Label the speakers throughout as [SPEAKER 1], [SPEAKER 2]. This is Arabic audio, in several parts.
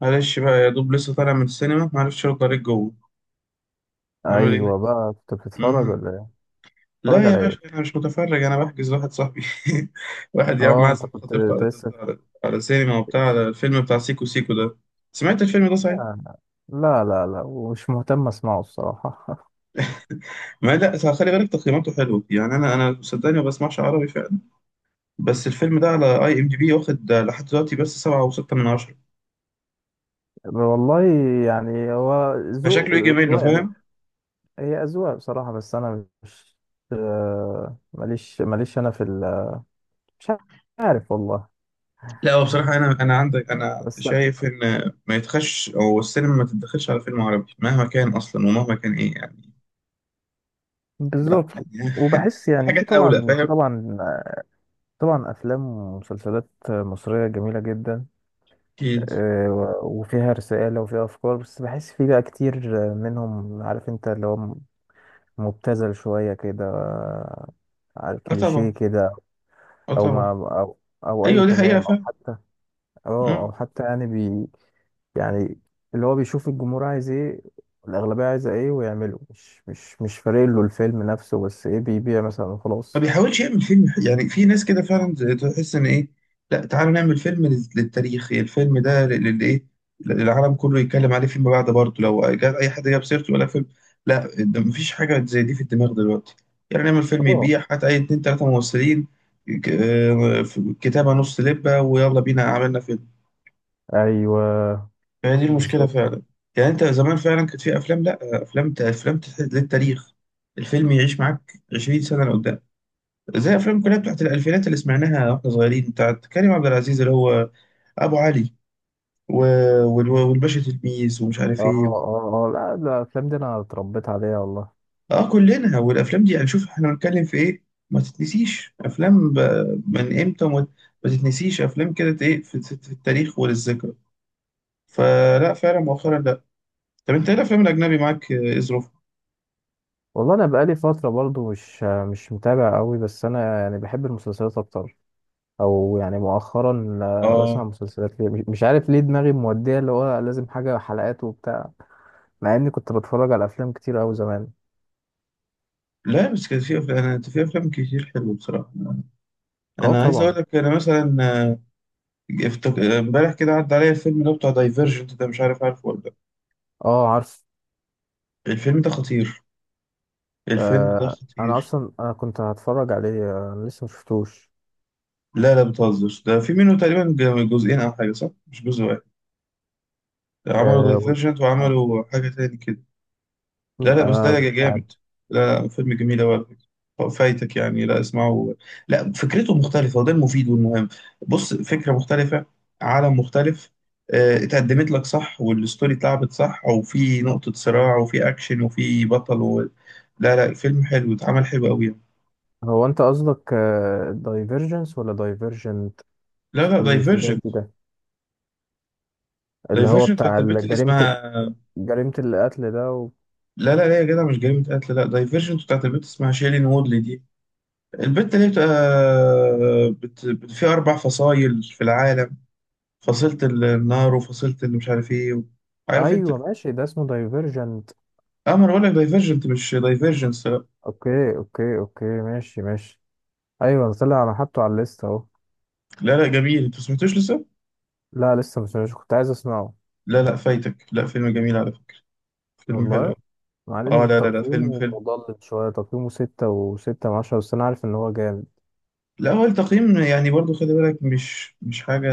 [SPEAKER 1] معلش بقى يا دوب لسه طالع من السينما معرفش ارد عليك جوه. عامل ايه؟
[SPEAKER 2] ايوه بقى، كنت بتتفرج
[SPEAKER 1] امم
[SPEAKER 2] ولا ايه؟ بتتفرج
[SPEAKER 1] لا يا
[SPEAKER 2] على ايه؟
[SPEAKER 1] باشا، انا مش متفرج، انا بحجز واحد صاحبي. واحد يا عم
[SPEAKER 2] اه، انت
[SPEAKER 1] عازم
[SPEAKER 2] كنت
[SPEAKER 1] خطيبته
[SPEAKER 2] أنت
[SPEAKER 1] على
[SPEAKER 2] لسه.
[SPEAKER 1] على على سينما وبتاع، على الفيلم بتاع سيكو سيكو ده. سمعت الفيلم ده صحيح؟
[SPEAKER 2] لا لا لا لا، ومش مهتم اسمعه الصراحه.
[SPEAKER 1] ما لا، خلي بالك تقييماته حلوه، يعني انا صدقني ما بسمعش عربي فعلا. بس الفيلم ده على اي ام دي بي واخد لحد دلوقتي بس سبعة وستة من عشرة،
[SPEAKER 2] والله، يعني هو ذوق،
[SPEAKER 1] فشكله يجي منه.
[SPEAKER 2] اذواق بقى.
[SPEAKER 1] فاهم.
[SPEAKER 2] هي اذواق بصراحه، بس انا مش... آه، ماليش انا في ال...، مش عارف والله.
[SPEAKER 1] لا هو بصراحة أنا عندك، أنا
[SPEAKER 2] بس
[SPEAKER 1] شايف إن ما يتخش أو السينما ما تتدخلش على فيلم عربي مهما كان أصلا ومهما كان إيه يعني. لا
[SPEAKER 2] بالظبط.
[SPEAKER 1] يعني
[SPEAKER 2] وبحس
[SPEAKER 1] في
[SPEAKER 2] يعني، في
[SPEAKER 1] حاجات أولى
[SPEAKER 2] طبعا في
[SPEAKER 1] فاهم.
[SPEAKER 2] طبعا طبعا افلام ومسلسلات مصريه جميله جدا.
[SPEAKER 1] أكيد.
[SPEAKER 2] آه، و- وفيها رسالة وفيها أفكار، بس بحس فيه بقى كتير، آه، منهم، عارف أنت، اللي هو مبتذل شوية كده، آه، على
[SPEAKER 1] أه
[SPEAKER 2] الكليشيه
[SPEAKER 1] طبعا.
[SPEAKER 2] كده.
[SPEAKER 1] أه
[SPEAKER 2] أو ما
[SPEAKER 1] طبعا.
[SPEAKER 2] أو, أو أي
[SPEAKER 1] أيوه دي حقيقة
[SPEAKER 2] كلام، أو
[SPEAKER 1] فاهم.
[SPEAKER 2] حتى، أو حتى يعني يعني، اللي هو بيشوف الجمهور عايز إيه، الأغلبية عايزة إيه، ويعمله، مش فارق له الفيلم نفسه، بس إيه بيبيع مثلا
[SPEAKER 1] ما
[SPEAKER 2] وخلاص.
[SPEAKER 1] بيحاولش يعمل فيلم يعني في ناس كده فعلا تحس ان ايه. لا تعالوا نعمل فيلم للتاريخ، الفيلم ده للايه، العالم كله يتكلم عليه فيما بعد برضه لو جاء اي حد جاب سيرته ولا فيلم. لا ده مفيش حاجه زي دي في الدماغ دلوقتي. يعني نعمل فيلم
[SPEAKER 2] اه.
[SPEAKER 1] يبيع حتى اي اتنين تلاته ممثلين، كتابه نص لبه ويلا بينا عملنا فيلم.
[SPEAKER 2] أيوه.
[SPEAKER 1] فهي دي المشكله
[SPEAKER 2] بالظبط.
[SPEAKER 1] فعلا. يعني انت زمان فعلا كانت في افلام، لا افلام، افلام للتاريخ. الفيلم يعيش معاك 20 سنه لقدام، زي افلام كلها بتاعت الالفينات اللي سمعناها واحنا صغيرين، بتاعت كريم عبد العزيز اللي هو ابو علي و... والباشا تلميذ ومش
[SPEAKER 2] أه
[SPEAKER 1] عارف ايه.
[SPEAKER 2] أه أه، لا لا، الأفلام دي أنا اتربيت عليها والله.
[SPEAKER 1] اه كلنا، والافلام دي هنشوف احنا بنتكلم في ايه. ما تتنسيش افلام ب... من امتى وما، ما تتنسيش افلام كده ايه في التاريخ وللذكرى. فلا فعلا مؤخرا لا. طب انت ايه الافلام الاجنبي معاك، ايه ظروفها؟
[SPEAKER 2] والله انا بقالي فتره برضو مش متابع قوي، بس انا يعني بحب المسلسلات اكتر. او يعني مؤخرا، آه، بسمع
[SPEAKER 1] اه
[SPEAKER 2] مسلسلات، ليه؟ مش عارف ليه، دماغي موديه اللي هو لازم حاجه حلقات وبتاع. مع اني كنت بتفرج على افلام كتير قوي زمان.
[SPEAKER 1] لا بس كان في افلام، انا في افلام كتير حلوه بصراحه.
[SPEAKER 2] اه
[SPEAKER 1] انا عايز اقول
[SPEAKER 2] طبعا.
[SPEAKER 1] لك انا مثلا، امبارح كده عدى عليا الفيلم ده بتاع دايفرجنت ده، مش عارف عارفه ولا لا.
[SPEAKER 2] اه عارف.
[SPEAKER 1] الفيلم ده خطير، الفيلم ده
[SPEAKER 2] آه، انا
[SPEAKER 1] خطير.
[SPEAKER 2] اصلا كنت هتفرج عليه، آه، انا لسه مشفتوش.
[SPEAKER 1] لا لا بتهزر، ده في منه تقريبا جزئين او حاجه، صح؟ مش جزء واحد. عملوا
[SPEAKER 2] آه،
[SPEAKER 1] دايفرجنت
[SPEAKER 2] آه.
[SPEAKER 1] وعملوا حاجه تاني كده. لا لا بس
[SPEAKER 2] آه،
[SPEAKER 1] ده
[SPEAKER 2] مش عارف.
[SPEAKER 1] جامد. لا لا فيلم جميل أوي على فكرة، فايتك يعني، لا اسمعه. لا فكرته مختلفة وده المفيد والمهم. بص، فكرة مختلفة، عالم مختلف. اتقدمت لك صح والستوري اتلعبت صح وفي نقطة صراع وفي أكشن وفي بطل و... لا لا الفيلم حلو اتعمل حلو أوي يعني.
[SPEAKER 2] هو انت قصدك دايفرجنس ولا دايفرجنت؟
[SPEAKER 1] لا لا
[SPEAKER 2] في ده
[SPEAKER 1] دايفرجنت.
[SPEAKER 2] وفي ده، اللي هو
[SPEAKER 1] دايفرجنت بتاعت
[SPEAKER 2] بتاع
[SPEAKER 1] البنت اللي
[SPEAKER 2] جريمة،
[SPEAKER 1] اسمها...
[SPEAKER 2] جريمة القتل ده و...
[SPEAKER 1] لا لا لا يا جدع مش جريمة قتل، لا دايفرجنت بتاعت البنت اسمها شيلين وودلي دي. البنت اللي بتبقى في أربع فصايل في العالم. فصلت النار وفصلت اللي مش عارف ايه و... عارف انت.
[SPEAKER 2] ايوه ماشي، ده اسمه دايفرجنت.
[SPEAKER 1] اه ما انا بقول لك دايفرجنت مش دايفرجنس لا.
[SPEAKER 2] اوكي اوكي اوكي، ماشي ماشي، ايوه ده طلع، انا حاطه على الليست اهو.
[SPEAKER 1] لا لا، جميل، انت ما سمعتوش لسه.
[SPEAKER 2] لا لسه، مش كنت عايز اسمعه.
[SPEAKER 1] لا لا فايتك، لا فيلم جميل على فكرة، فيلم حلو
[SPEAKER 2] والله،
[SPEAKER 1] أوي.
[SPEAKER 2] مع
[SPEAKER 1] اه
[SPEAKER 2] ان
[SPEAKER 1] لا لا لا فيلم
[SPEAKER 2] تقييمه
[SPEAKER 1] فيلم.
[SPEAKER 2] مضلل شوية، تقييمه ستة وستة من عشرة، بس انا عارف ان هو جامد.
[SPEAKER 1] لا هو التقييم يعني برضو خلي بالك، مش حاجة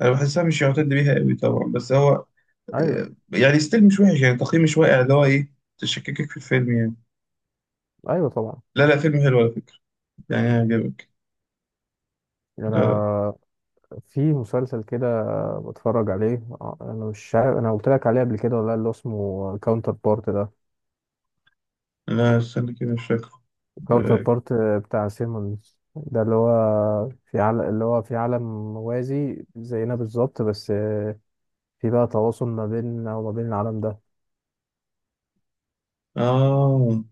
[SPEAKER 1] انا بحسها مش يعتد بيها قوي طبعا، بس هو
[SPEAKER 2] ايوه.
[SPEAKER 1] يعني ستيل مش وحش، يعني التقييم مش واقع اللي هو ايه تشككك في الفيلم يعني.
[SPEAKER 2] ايوه طبعا.
[SPEAKER 1] لا لا فيلم حلو على فكرة، يعني هيعجبك ده.
[SPEAKER 2] انا، في مسلسل كده بتفرج عليه، انا مش عارف انا قلت لك عليه قبل كده ولا لأ، اللي هو اسمه كاونتر بارت ده.
[SPEAKER 1] لا استنى كده مش فاكره.
[SPEAKER 2] كاونتر
[SPEAKER 1] اه.
[SPEAKER 2] بارت بتاع سيمونز ده، اللي هو في عالم، موازي زينا بالظبط، بس في بقى تواصل ما بيننا وما بين العالم ده.
[SPEAKER 1] اه.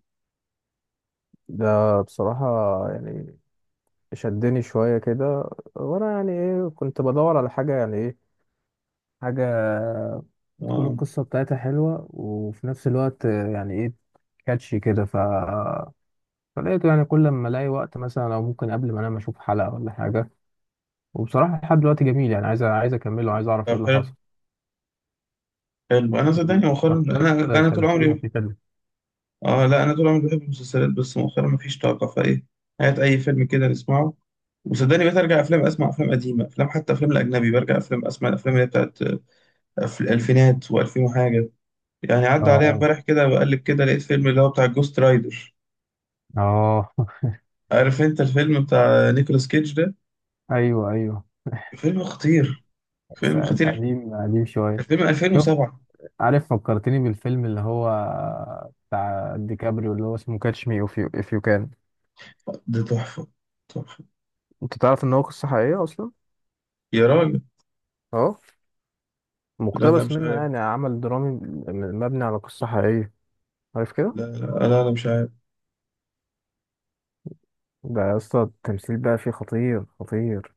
[SPEAKER 2] ده بصراحة، يعني، شدني شوية كده، وأنا يعني إيه، كنت بدور على حاجة، يعني إيه، حاجة تكون
[SPEAKER 1] آه.
[SPEAKER 2] القصة بتاعتها حلوة وفي نفس الوقت يعني إيه، كاتشي كده، فلقيته. يعني كل ما ألاقي وقت مثلا، أو ممكن قبل ما أنام، أشوف حلقة ولا حاجة. وبصراحة لحد دلوقتي جميل، يعني عايز أكمله، عايز أعرف
[SPEAKER 1] طب
[SPEAKER 2] إيه اللي
[SPEAKER 1] حلو.
[SPEAKER 2] حصل.
[SPEAKER 1] حلو انا صدقني مؤخرا،
[SPEAKER 2] الشخصيات،
[SPEAKER 1] انا طول
[SPEAKER 2] تمثيلهم
[SPEAKER 1] عمري...
[SPEAKER 2] فيه حلو.
[SPEAKER 1] اه لا انا طول عمري بحب المسلسلات، بس مؤخرا مفيش طاقه فايه. هات اي فيلم كده نسمعه. وصدقني بقيت ارجع افلام، اسمع افلام قديمه، افلام، حتى افلام الاجنبي برجع افلام اسمع الافلام اللي هي بتاعت الالفينات و2000 وحاجه. يعني عدى عليا
[SPEAKER 2] آه.
[SPEAKER 1] امبارح كده بقلب كده لقيت فيلم اللي هو بتاع جوست رايدر.
[SPEAKER 2] آه.
[SPEAKER 1] عارف انت الفيلم بتاع نيكولاس كيدج ده؟
[SPEAKER 2] أيوه أيوه.
[SPEAKER 1] فيلم خطير،
[SPEAKER 2] بس
[SPEAKER 1] فيلم خطير.
[SPEAKER 2] قديم قديم شوية.
[SPEAKER 1] الفيلم
[SPEAKER 2] شفت،
[SPEAKER 1] 2007.
[SPEAKER 2] عارف، فكرتني بالفيلم اللي هو بتاع ديكابريو، اللي هو اسمه كاتش مي أوف يو إف يو كان.
[SPEAKER 1] ده تحفه، تحفه.
[SPEAKER 2] أنت تعرف إن هو قصة حقيقية أصلا؟
[SPEAKER 1] يا راجل
[SPEAKER 2] آه،
[SPEAKER 1] لا لا
[SPEAKER 2] مقتبس
[SPEAKER 1] مش
[SPEAKER 2] منها، يعني
[SPEAKER 1] عارف.
[SPEAKER 2] عمل درامي مبني على قصة حقيقية. عارف كده؟
[SPEAKER 1] لا لا لا, لا مش عارف.
[SPEAKER 2] ده يا اسطى التمثيل بقى فيه خطير خطير.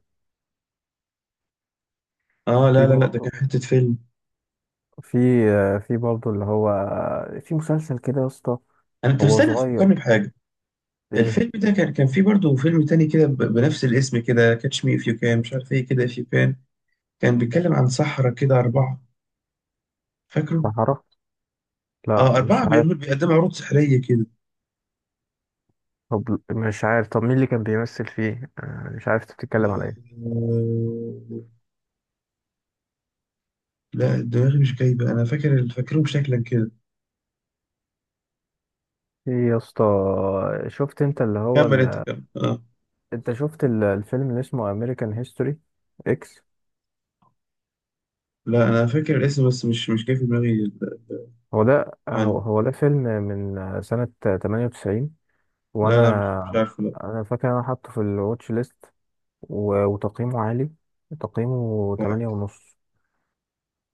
[SPEAKER 1] اه
[SPEAKER 2] في
[SPEAKER 1] لا لا لا ده كان
[SPEAKER 2] برضه،
[SPEAKER 1] حتة فيلم.
[SPEAKER 2] في، في برضه اللي هو، في مسلسل كده يا اسطى.
[SPEAKER 1] انا انت
[SPEAKER 2] هو
[SPEAKER 1] مستني
[SPEAKER 2] صغير.
[SPEAKER 1] تفكرني بحاجة.
[SPEAKER 2] ايه؟
[SPEAKER 1] الفيلم ده كان فيه برضه فيلم تاني كده بنفس الاسم كده، كاتش مي اف يو كان، مش عارف ايه كده اف يو كان. كان بيتكلم عن سحرة كده أربعة. فاكره؟
[SPEAKER 2] صحراء؟ لا
[SPEAKER 1] اه أربعة
[SPEAKER 2] مش عارف.
[SPEAKER 1] بيعملوا بيقدموا عروض سحرية كده.
[SPEAKER 2] طب مش عارف، طب مين اللي كان بيمثل فيه؟ آه، مش عارف انت بتتكلم على ايه.
[SPEAKER 1] آه، لا دماغي مش جايبة، أنا فاكر فاكرهم شكلا كده.
[SPEAKER 2] ايه يا اسطى. شفت انت اللي هو
[SPEAKER 1] كمل أنت
[SPEAKER 2] ال...،
[SPEAKER 1] كمل اه.
[SPEAKER 2] انت شفت الفيلم اللي اسمه امريكان هيستوري اكس؟
[SPEAKER 1] لا أنا فاكر الاسم بس مش جاي في دماغي
[SPEAKER 2] هو ده، هو
[SPEAKER 1] عن
[SPEAKER 2] هو ده فيلم من سنة 98.
[SPEAKER 1] لا
[SPEAKER 2] وانا،
[SPEAKER 1] لا مش عارفه لا.
[SPEAKER 2] انا فاكر انا حاطه في الواتش ليست، و... وتقييمه عالي، تقييمه
[SPEAKER 1] كويس.
[SPEAKER 2] 8 ونص.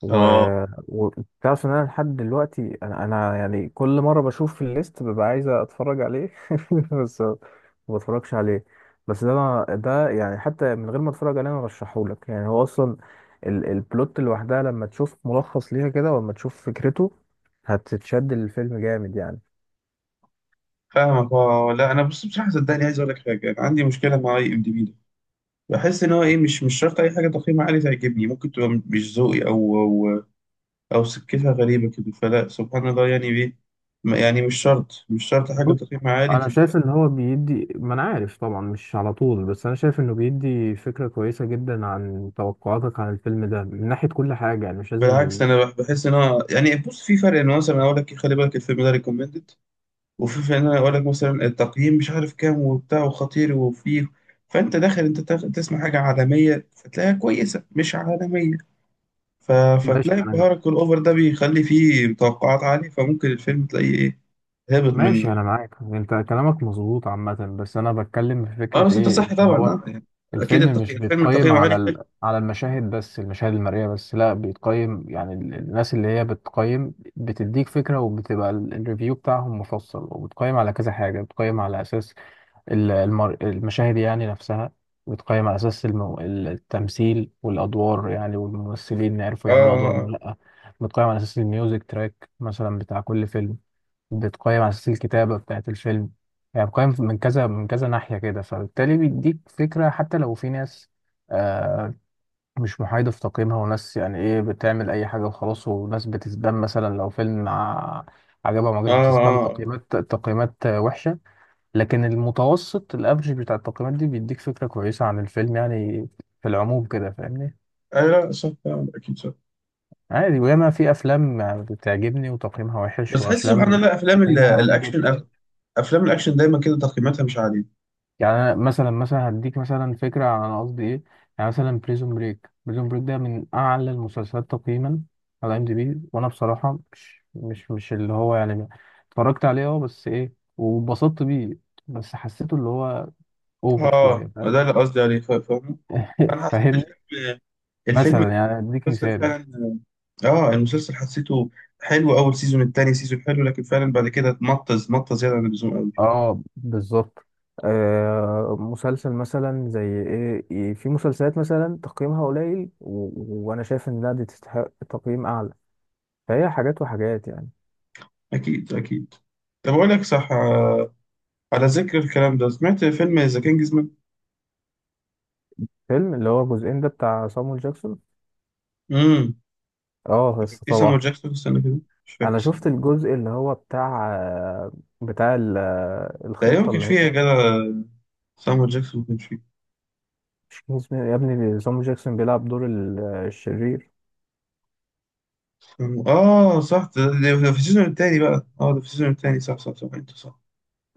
[SPEAKER 2] و...
[SPEAKER 1] اه.
[SPEAKER 2] و-، تعرف ان انا لحد دلوقتي، انا يعني كل مره بشوف في الليست ببقى عايز اتفرج عليه بس ما بتفرجش عليه. بس ده ده يعني، حتى من غير ما اتفرج عليه انا رشحهولك، يعني هو اصلا البلوت لوحدها لما تشوف ملخص ليها كده، ولما تشوف فكرته، هتتشد للفيلم جامد يعني.
[SPEAKER 1] فاهمك اه. لا انا بص بصراحه صدقني عايز اقول لك حاجه، انا عندي مشكله مع اي ام دي بي ده. بحس ان هو ايه، مش شرط اي حاجه تقييم عالي تعجبني، ممكن تبقى مش ذوقي او سكتها غريبه كده، فلا سبحان الله يعني ايه. ما- يعني مش شرط حاجه
[SPEAKER 2] بص،
[SPEAKER 1] تقييم عالي
[SPEAKER 2] انا شايف ان هو بيدي، ما انا عارف طبعا مش على طول، بس انا شايف انه بيدي فكره كويسه جدا عن توقعاتك عن الفيلم ده، من ناحيه كل حاجه، يعني مش لازم.
[SPEAKER 1] بالعكس انا بحس ان هو يعني، بص، في فرق ان مثلا اقول لك خلي بالك الفيلم ده ريكومندد، وفي فرق ان انا اقول لك مثلا التقييم مش عارف كام وبتاع وخطير وفيه. فانت داخل انت تسمع حاجه عالميه فتلاقيها كويسه مش عالميه. ف...
[SPEAKER 2] ماشي
[SPEAKER 1] فتلاقي
[SPEAKER 2] انا،
[SPEAKER 1] البهرج الأوفر ده بيخلي فيه توقعات عالية، فممكن الفيلم تلاقيه إيه، هابط من...
[SPEAKER 2] معاك، انت كلامك مظبوط عامه. بس انا بتكلم في
[SPEAKER 1] آه
[SPEAKER 2] فكره
[SPEAKER 1] بس أنت
[SPEAKER 2] ايه،
[SPEAKER 1] صح
[SPEAKER 2] ان
[SPEAKER 1] طبعا
[SPEAKER 2] هو
[SPEAKER 1] آه يعني. أكيد
[SPEAKER 2] الفيلم مش
[SPEAKER 1] التقييم، الفيلم
[SPEAKER 2] بيتقيم
[SPEAKER 1] تقييمه
[SPEAKER 2] على
[SPEAKER 1] عالي حلو.
[SPEAKER 2] ال... على المشاهد بس، المشاهد المرئيه بس، لا، بيتقيم يعني الناس اللي هي بتقيم بتديك فكره، وبتبقى الريفيو بتاعهم مفصل، وبتقيم على كذا حاجه. بتقيم على اساس المشاهد يعني نفسها، بتقيم على اساس التمثيل والادوار، يعني والممثلين عرفوا
[SPEAKER 1] آه
[SPEAKER 2] يعملوا ادوارهم ولا
[SPEAKER 1] آه.
[SPEAKER 2] لا، بتقيم على اساس الميوزك تراك مثلا بتاع كل فيلم، بتقيم على أساس الكتابة بتاعت الفيلم. يعني بتقيم من كذا من كذا ناحية كده، فبالتالي بيديك فكرة حتى لو في ناس، آه، مش محايدة في تقييمها، وناس يعني إيه بتعمل أي حاجة وخلاص، وناس بتسبام مثلا، لو فيلم عجبها ما
[SPEAKER 1] آه
[SPEAKER 2] عجبش
[SPEAKER 1] آه.
[SPEAKER 2] بتسبام
[SPEAKER 1] آه
[SPEAKER 2] تقييمات، آه، وحشة. لكن المتوسط الأفرج بتاع التقييمات دي بيديك فكرة كويسة عن الفيلم، يعني في العموم كده، فاهمني.
[SPEAKER 1] آه. لا صح طبعا أكيد صح.
[SPEAKER 2] عادي، وياما في أفلام بتعجبني وتقييمها وحش،
[SPEAKER 1] بس تحس سبحان
[SPEAKER 2] وأفلام
[SPEAKER 1] الله أفلام
[SPEAKER 2] تقييمها عالي
[SPEAKER 1] الأكشن
[SPEAKER 2] جدا.
[SPEAKER 1] أغلب، أفلام الأكشن دايما كده تقييماتها مش عالية.
[SPEAKER 2] يعني أنا مثلا، هديك مثلا فكرة عن أنا قصدي إيه. يعني مثلا بريزون بريك، ده من أعلى المسلسلات تقييما على ام دي بي، وأنا بصراحة مش اللي هو يعني اتفرجت عليه، أه، بس إيه واتبسطت بيه، بس حسيته اللي هو أوفر
[SPEAKER 1] آه
[SPEAKER 2] شوية، فاهم؟
[SPEAKER 1] ده اللي قصدي عليه، فاهم. أنا حسيت
[SPEAKER 2] فاهمني،
[SPEAKER 1] الفيلم، الفيلم،
[SPEAKER 2] مثلا يعني أديك
[SPEAKER 1] المسلسل
[SPEAKER 2] مثال.
[SPEAKER 1] فعلا. آه المسلسل حسيته حلو، أول سيزون، التاني سيزون حلو، لكن فعلا بعد كده مطز مطز زيادة عن اللزوم.
[SPEAKER 2] اه بالظبط. آه مسلسل مثلا زي ايه. في مسلسلات مثلا تقييمها قليل، و... وانا شايف ان لا دي تستحق تقييم اعلى. فهي حاجات وحاجات يعني.
[SPEAKER 1] أكيد أكيد. طب أقول لك صح، على ذكر الكلام ده، سمعت فيلم ذا كينجز مان؟
[SPEAKER 2] فيلم اللي هو الجزئين ده بتاع صامويل جاكسون؟
[SPEAKER 1] امم
[SPEAKER 2] اه
[SPEAKER 1] كان
[SPEAKER 2] بس
[SPEAKER 1] في سامو
[SPEAKER 2] طبعا.
[SPEAKER 1] جاكسون، استنى كده، مش فاكر
[SPEAKER 2] انا شفت
[SPEAKER 1] صدق.
[SPEAKER 2] الجزء اللي هو بتاع، بتاع
[SPEAKER 1] تقريبا ما
[SPEAKER 2] الخطة
[SPEAKER 1] كانش
[SPEAKER 2] اللي
[SPEAKER 1] فيه يا
[SPEAKER 2] هي،
[SPEAKER 1] جدع، سامو جاكسون ما كانش فيه.
[SPEAKER 2] مش كان اسمه يا ابني صامويل جاكسون بيلعب دور الشرير؟
[SPEAKER 1] سامو- آه صح، ده, ده ده في السيزون التاني بقى، آه ده في السيزون التاني، صح صح صح أنت صح.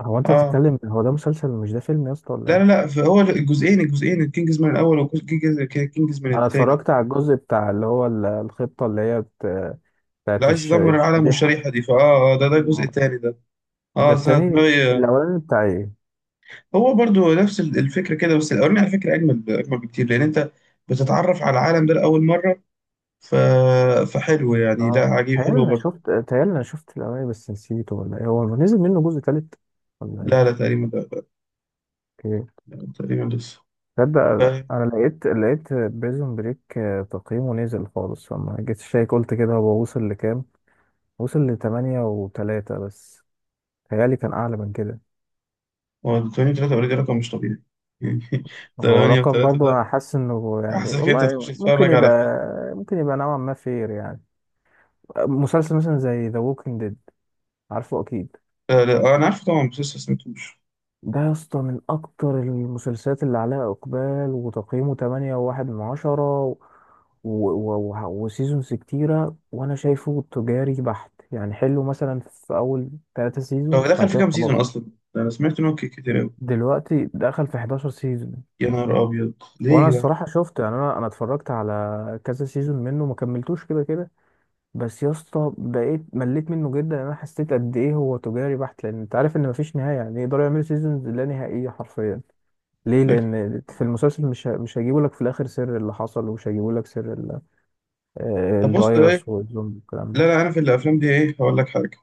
[SPEAKER 2] هو انت
[SPEAKER 1] آه
[SPEAKER 2] بتتكلم، هو ده مسلسل مش ده فيلم يا اسطى ولا
[SPEAKER 1] لا لا
[SPEAKER 2] ايه؟
[SPEAKER 1] لا فهو الجزئين، الجزئين، الكينجز مان الأول وكينجز مان
[SPEAKER 2] انا
[SPEAKER 1] التاني.
[SPEAKER 2] اتفرجت على الجزء بتاع اللي هو الخطة اللي هي
[SPEAKER 1] اللي
[SPEAKER 2] بتاعت
[SPEAKER 1] عايز يدمر العالم
[SPEAKER 2] الشريحة.
[SPEAKER 1] والشريحة دي، فآه ده ده الجزء التاني ده.
[SPEAKER 2] ده
[SPEAKER 1] آه سنة
[SPEAKER 2] التاني،
[SPEAKER 1] دماغي.
[SPEAKER 2] الاولاني بتاع ايه؟
[SPEAKER 1] هو برضو نفس الفكرة كده، بس الأولاني على فكرة أجمل أجمل بكتير، لأن أنت بتتعرف على العالم ده لأول مرة. ف... فحلو يعني، لا
[SPEAKER 2] اه،
[SPEAKER 1] عجيب
[SPEAKER 2] تهيألي
[SPEAKER 1] حلو
[SPEAKER 2] انا
[SPEAKER 1] برضو.
[SPEAKER 2] شفت، الاولاني بس نسيته، ولا ايه، هو نزل منه جزء تالت ولا
[SPEAKER 1] لا لا تقريبا لا, لا,
[SPEAKER 2] ايه؟
[SPEAKER 1] لا تقريبا لسه.
[SPEAKER 2] تصدق
[SPEAKER 1] ف-
[SPEAKER 2] انا لقيت، بريزون بريك تقييمه نزل خالص، فما جيت شايك قلت كده هو وصل لكام، وصل لتمانية وتلاتة بس. تهيألي كان أعلى من كده.
[SPEAKER 1] هو 8.3 أوريدي رقم مش طبيعي يعني.
[SPEAKER 2] هو
[SPEAKER 1] 8
[SPEAKER 2] رقم
[SPEAKER 1] و3
[SPEAKER 2] برضه أنا
[SPEAKER 1] ده
[SPEAKER 2] حاسس إنه، يعني
[SPEAKER 1] حاسسك أنت تخش
[SPEAKER 2] والله ممكن
[SPEAKER 1] تتفرج
[SPEAKER 2] يبقى،
[SPEAKER 1] على فيلم.
[SPEAKER 2] ممكن يبقى نوعا ما فير يعني. مسلسل مثلا زي ذا ووكينج ديد، عارفه أكيد،
[SPEAKER 1] لا, لا أنا عارفه طبعا بس لسه ما سمعتوش.
[SPEAKER 2] ده يا اسطى من اكتر المسلسلات اللي عليها اقبال، وتقييمه 8.1 من عشرة، و... و... و... وسيزونز كتيرة، وانا شايفه تجاري بحت، يعني حلو مثلا في اول 3
[SPEAKER 1] هو
[SPEAKER 2] سيزونز، بعد
[SPEAKER 1] دخل في
[SPEAKER 2] كده
[SPEAKER 1] كام سيزون
[SPEAKER 2] خلاص،
[SPEAKER 1] أصلا؟ ده أنا سمعت إن هو كتير أوي.
[SPEAKER 2] دلوقتي دخل في 11 سيزون.
[SPEAKER 1] يا نهار أبيض، ليه
[SPEAKER 2] وانا
[SPEAKER 1] يا جدعان؟
[SPEAKER 2] الصراحة شفت يعني، انا، اتفرجت على كذا سيزون منه، ما كملتوش كده كده. بس يا اسطى بقيت مليت منه جدا، انا حسيت قد ايه هو تجاري بحت، لان انت عارف ان مفيش نهاية، يعني يقدروا يعملوا سيزونز لا نهائية حرفيا. ليه؟
[SPEAKER 1] لكن-
[SPEAKER 2] لان في المسلسل مش هيجيبوا لك في الاخر سر اللي حصل، ومش هيجيبوا لك سر آه،
[SPEAKER 1] طب بص
[SPEAKER 2] الفيروس
[SPEAKER 1] إيه،
[SPEAKER 2] والزومبي والكلام
[SPEAKER 1] لا لا
[SPEAKER 2] ده.
[SPEAKER 1] أنا في الأفلام دي إيه هقول لك حاجة.